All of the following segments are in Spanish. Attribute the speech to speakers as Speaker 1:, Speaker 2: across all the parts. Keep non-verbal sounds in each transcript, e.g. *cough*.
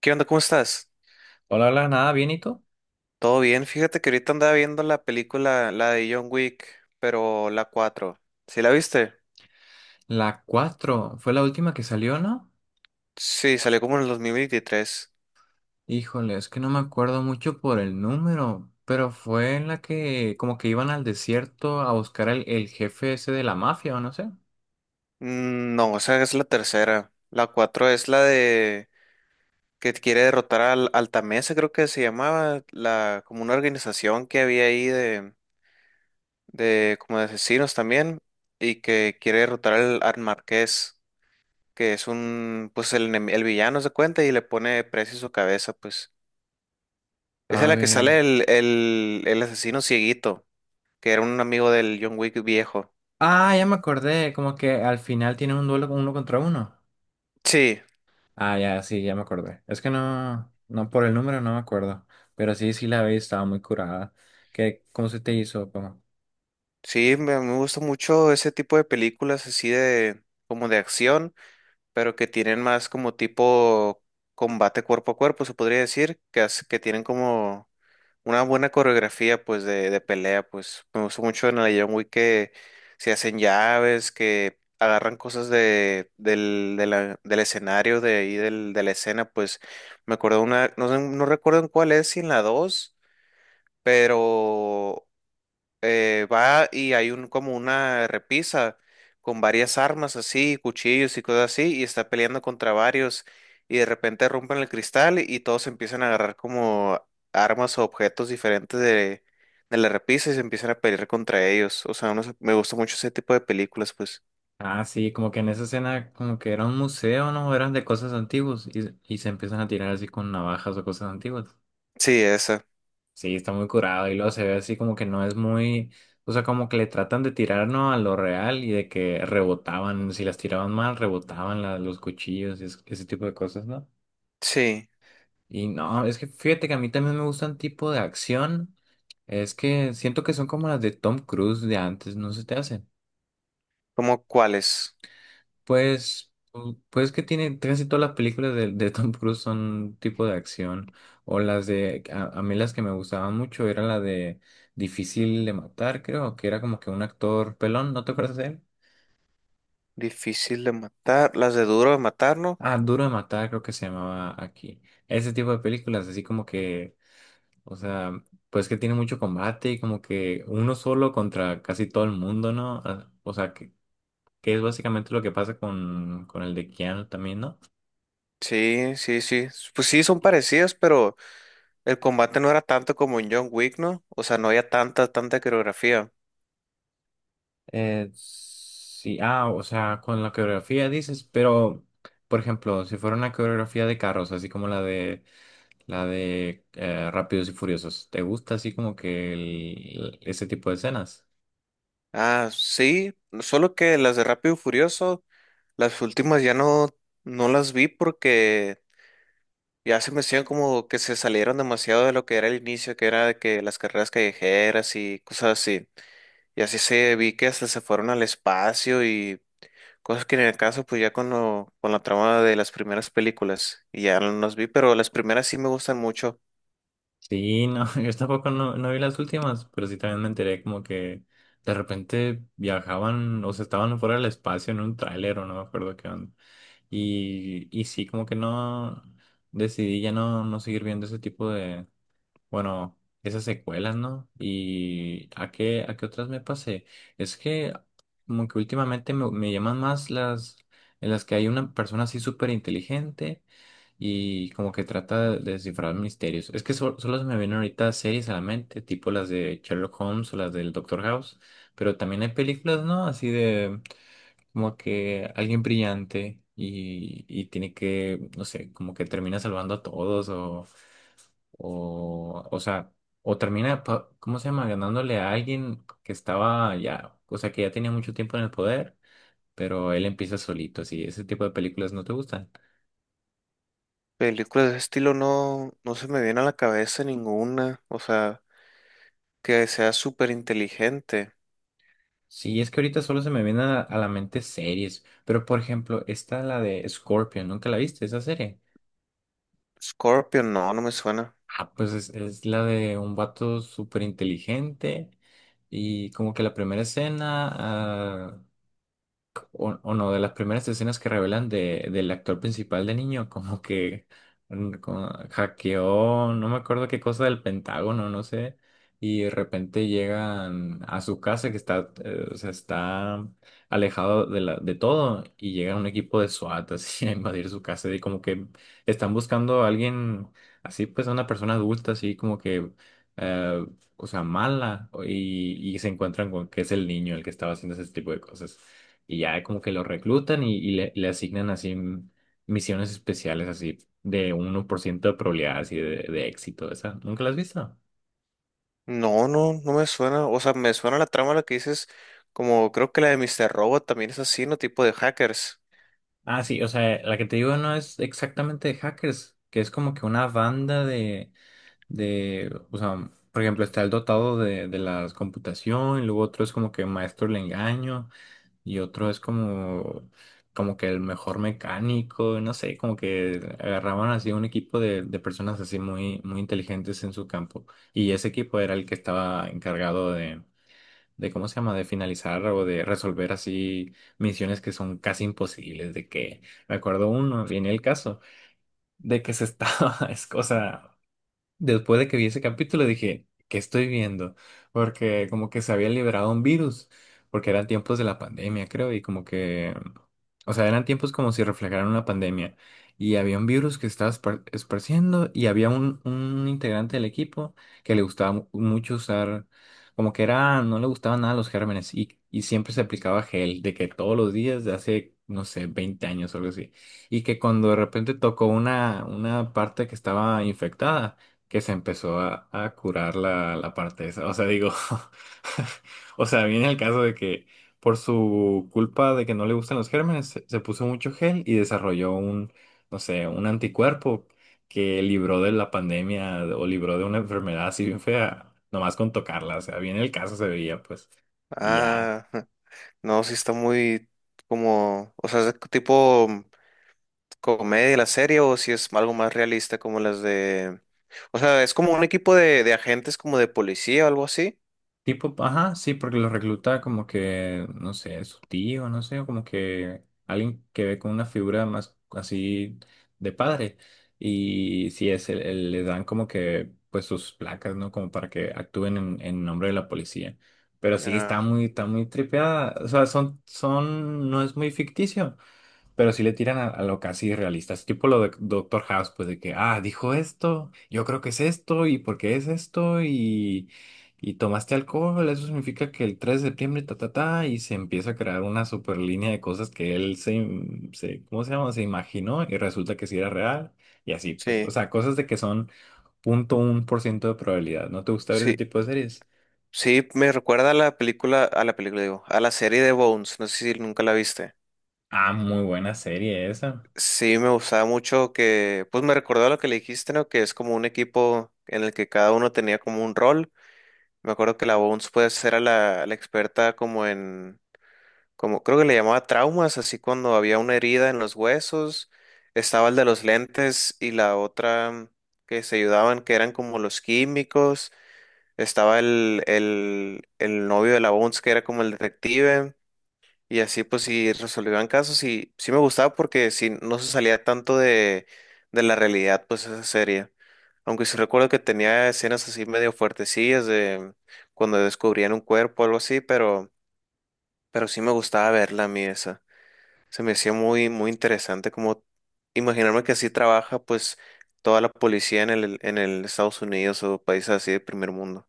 Speaker 1: ¿Qué onda? ¿Cómo estás?
Speaker 2: Hola, hola, nada, bien, ¿y tú?
Speaker 1: ¿Todo bien? Fíjate que ahorita andaba viendo la película, la de John Wick, pero la 4. ¿Sí la viste?
Speaker 2: La 4 ¿fue la última que salió, no?
Speaker 1: Sí, salió como en el 2023.
Speaker 2: Híjole, es que no me acuerdo mucho por el número, pero fue en la que como que iban al desierto a buscar al el jefe ese de la mafia, o no sé.
Speaker 1: No, o sea, es la tercera. La 4 es la de que quiere derrotar al Altamesa, creo que se llamaba, la como una organización que había ahí de como de asesinos también y que quiere derrotar al Marqués, que es un pues el, el villano se cuenta y le pone precio a su cabeza, pues. Esa es
Speaker 2: A
Speaker 1: la que
Speaker 2: ver.
Speaker 1: sale el asesino cieguito, que era un amigo del John Wick viejo.
Speaker 2: Ah, ya me acordé, como que al final tienen un duelo con uno contra uno.
Speaker 1: Sí,
Speaker 2: Ah, ya, sí, ya me acordé. Es que no, no, por el número no me acuerdo, pero sí, sí la vi, estaba muy curada. ¿Qué, cómo se te hizo? ¿Cómo?
Speaker 1: sí, me gusta mucho ese tipo de películas así de como de acción, pero que tienen más como tipo combate cuerpo a cuerpo, se podría decir, que tienen como una buena coreografía, pues, de pelea, pues, me gustó mucho en el John Wick que se hacen llaves, que agarran cosas de, del, de la- del escenario, de ahí, de la escena, pues, me acuerdo una, no sé, no recuerdo en cuál es, si en la dos, pero va y hay un como una repisa con varias armas así, cuchillos y cosas así, y está peleando contra varios, y de repente rompen el cristal y todos empiezan a agarrar como armas o objetos diferentes de la repisa y se empiezan a pelear contra ellos. O sea, no sé, me gusta mucho ese tipo de películas, pues.
Speaker 2: Ah, sí, como que en esa escena, como que era un museo, ¿no? Eran de cosas antiguas y se empiezan a tirar así con navajas o cosas antiguas.
Speaker 1: Sí, esa.
Speaker 2: Sí, está muy curado y luego se ve así como que no es muy, o sea, como que le tratan de tirar, ¿no? A lo real y de que rebotaban, si las tiraban mal, rebotaban los cuchillos y ese tipo de cosas, ¿no?
Speaker 1: Sí.
Speaker 2: Y no, es que fíjate que a mí también me gustan tipo de acción, es que siento que son como las de Tom Cruise de antes, ¿no se te hace?
Speaker 1: ¿Cómo cuáles?
Speaker 2: Pues, pues que tiene casi todas las películas de Tom Cruise son tipo de acción. O las a mí las que me gustaban mucho era la de Difícil de Matar, creo, que era como que un actor pelón, ¿no te acuerdas de él?
Speaker 1: Difícil de matar, las de Duro de Matar, ¿no?
Speaker 2: Ah, Duro de Matar, creo que se llamaba aquí. Ese tipo de películas, así como que, o sea, pues que tiene mucho combate y como que uno solo contra casi todo el mundo, ¿no? Ah, o sea, que es básicamente lo que pasa con el de Keanu también, ¿no?
Speaker 1: Sí, sí, sí. Pues sí, son parecidas, pero el combate no era tanto como en John Wick, ¿no? O sea, no había tanta, tanta coreografía.
Speaker 2: Sí, o sea, con la coreografía dices, pero, por ejemplo, si fuera una coreografía de carros, así como la de Rápidos y Furiosos, ¿te gusta así como que ese tipo de escenas?
Speaker 1: Ah, sí, solo que las de Rápido y Furioso, las últimas ya no, no las vi porque ya se me hacían como que se salieron demasiado de lo que era el inicio, que era de que las carreras callejeras y cosas así. Y así se vi que hasta se fueron al espacio y cosas que en el caso, pues ya con con la trama de las primeras películas, y ya no las vi, pero las primeras sí me gustan mucho.
Speaker 2: Sí, no, *laughs* yo tampoco no vi las últimas, pero sí también me enteré como que de repente viajaban, o sea, estaban fuera del espacio en un tráiler o no me acuerdo qué onda. Y sí, como que no decidí ya no seguir viendo ese tipo. Bueno, esas secuelas, ¿no? ¿Y a qué otras me pasé? Es que como que últimamente me llaman más las en las que hay una persona así súper inteligente y como que trata de descifrar misterios. Es que solo se me vienen ahorita series a la mente, tipo las de Sherlock Holmes o las del Doctor House, pero también hay películas, ¿no? Así de como que alguien brillante y tiene que, no sé, como que termina salvando a todos o sea, o termina, ¿cómo se llama? Ganándole a alguien que estaba ya, o sea, que ya tenía mucho tiempo en el poder, pero él empieza solito, así, ese tipo de películas no te gustan.
Speaker 1: Películas de ese estilo no, no se me viene a la cabeza ninguna. O sea, que sea súper inteligente.
Speaker 2: Sí, es que ahorita solo se me vienen a la mente series, pero por ejemplo, está la de Scorpion, ¿nunca la viste esa serie?
Speaker 1: Scorpion, no, no me suena.
Speaker 2: Ah, pues es la de un vato súper inteligente y como que la primera escena o uno de las primeras escenas que revelan del actor principal de niño, como que como hackeó, no me acuerdo qué cosa del Pentágono, no sé, y de repente llegan a su casa que está, o sea, está alejado de todo y llega un equipo de SWAT así *laughs* a invadir su casa y como que están buscando a alguien así, pues a una persona adulta, así como que eh, o sea, mala, y se encuentran con que es el niño el que estaba haciendo ese tipo de cosas. Y ya como que lo reclutan y le asignan así misiones especiales así de 1% de probabilidad así de éxito. Esa, ¿nunca la has visto?
Speaker 1: No, no, no me suena. O sea, me suena la trama la que dices, como creo que la de Mr. Robot también es así, ¿no? Tipo de hackers.
Speaker 2: Ah, sí, o sea, la que te digo no es exactamente de hackers, que es como que una banda o sea, por ejemplo, está el dotado de la computación, y luego otro es como que maestro del engaño, y otro es como que el mejor mecánico, no sé, como que agarraban así un equipo de personas así muy, muy inteligentes en su campo. Y ese equipo era el que estaba encargado ¿cómo se llama?, de finalizar o de resolver así misiones que son casi imposibles, de que, me acuerdo uno, viene el caso, de que se estaba, *laughs* es cosa. Después de que vi ese capítulo dije, ¿qué estoy viendo? Porque como que se había liberado un virus, porque eran tiempos de la pandemia, creo, y como que, o sea, eran tiempos como si reflejaran una pandemia. Y había un virus que estaba esparciendo y había un, integrante del equipo que le gustaba mucho usar, como que era, no le gustaban nada los gérmenes y siempre se aplicaba gel, de que todos los días de hace, no sé, 20 años o algo así. Y que cuando de repente tocó una, parte que estaba infectada, que se empezó a curar la parte esa. O sea, digo, *laughs* o sea, viene el caso de que por su culpa de que no le gustan los gérmenes, se puso mucho gel y desarrolló un, no sé, un anticuerpo que libró de la pandemia o libró de una enfermedad así bien fea, nomás con tocarla. O sea, viene el caso, se veía, pues, y ya.
Speaker 1: Ah, *laughs* no, si está muy como, o sea, es de tipo comedia la serie, o si es algo más realista como las de... O sea, es como un equipo de agentes como de policía o algo así.
Speaker 2: Tipo, ajá, sí, porque lo recluta como que, no sé, su tío, no sé, o como que alguien que ve con una figura más así de padre. Y sí, le dan como que, pues sus placas, ¿no? Como para que actúen en nombre de la policía. Pero sí, está
Speaker 1: Ah,
Speaker 2: muy, está muy tripeada. O sea, no es muy ficticio. Pero si le tiran a lo casi realista, es tipo lo de Doctor House, pues de que, dijo esto, yo creo que es esto, y porque es esto, y tomaste alcohol, eso significa que el 3 de septiembre, ta, ta, ta, y se empieza a crear una super línea de cosas que él se, ¿cómo se llama? Se imaginó y resulta que sí era real, y así, pues, o
Speaker 1: sí.
Speaker 2: sea, cosas de que son 0.1% de probabilidad. ¿No te gusta ver ese
Speaker 1: Sí,
Speaker 2: tipo de series?
Speaker 1: sí, me recuerda a la película, digo, a la serie de Bones, no sé si nunca la viste.
Speaker 2: Ah, muy buena serie esa.
Speaker 1: Sí, me gustaba mucho que, pues me recordó a lo que le dijiste, ¿no? Que es como un equipo en el que cada uno tenía como un rol. Me acuerdo que la Bones puede ser a la experta como en, como creo que le llamaba traumas, así cuando había una herida en los huesos. Estaba el de los lentes y la otra que se ayudaban, que eran como los químicos. Estaba el novio de la Bones, que era como el detective. Y así pues sí resolvían casos y sí me gustaba porque sí no se salía tanto de la realidad pues esa serie. Aunque sí recuerdo que tenía escenas así medio fuertecillas de cuando descubrían un cuerpo o algo así, pero sí me gustaba verla a mí esa. Se me hacía muy, muy interesante como imaginarme que así trabaja pues toda la policía en en el Estados Unidos o países así de primer mundo.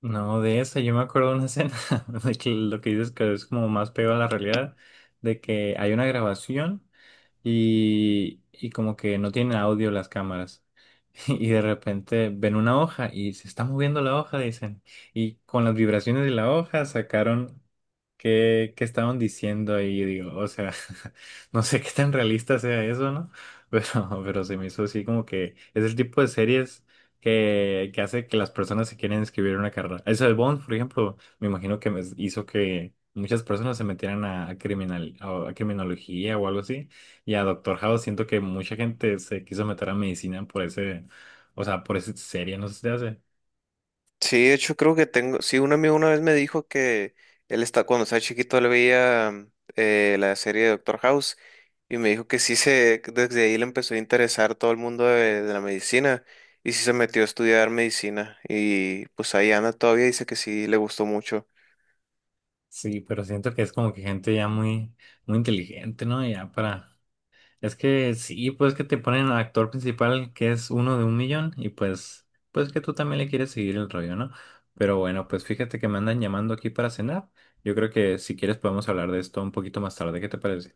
Speaker 2: No, de esa, yo me acuerdo de una escena, *laughs* de que lo que dices que es como más pegado a la realidad, de que hay una grabación y como que no tienen audio las cámaras. *laughs* Y de repente ven una hoja y se está moviendo la hoja, dicen. Y con las vibraciones de la hoja sacaron qué estaban diciendo y digo, o sea, *laughs* no sé qué tan realista sea eso, ¿no? *laughs* Pero se me hizo así como que es el tipo de series que hace que las personas se quieran escribir una carrera. Eso de Bond, por ejemplo, me imagino que me hizo que muchas personas se metieran a criminal, a criminología o algo así. Y a Doctor House siento que mucha gente se quiso meter a medicina por ese, o sea, por esa serie no se te hace.
Speaker 1: Sí, de hecho creo que tengo, sí, un amigo una vez me dijo que él está, cuando estaba chiquito, él veía la serie de Doctor House y me dijo que sí se, que desde ahí le empezó a interesar todo el mundo de la medicina y sí se metió a estudiar medicina y pues ahí anda todavía, dice que sí le gustó mucho.
Speaker 2: Sí, pero siento que es como que gente ya muy, muy inteligente, ¿no? Ya para. Es que sí, pues que te ponen al actor principal que es uno de un millón y pues que tú también le quieres seguir el rollo, ¿no? Pero bueno, pues fíjate que me andan llamando aquí para cenar. Yo creo que si quieres podemos hablar de esto un poquito más tarde. ¿Qué te parece?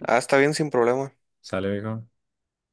Speaker 1: Ah, está bien, sin problema.
Speaker 2: ¿Sale, viejo?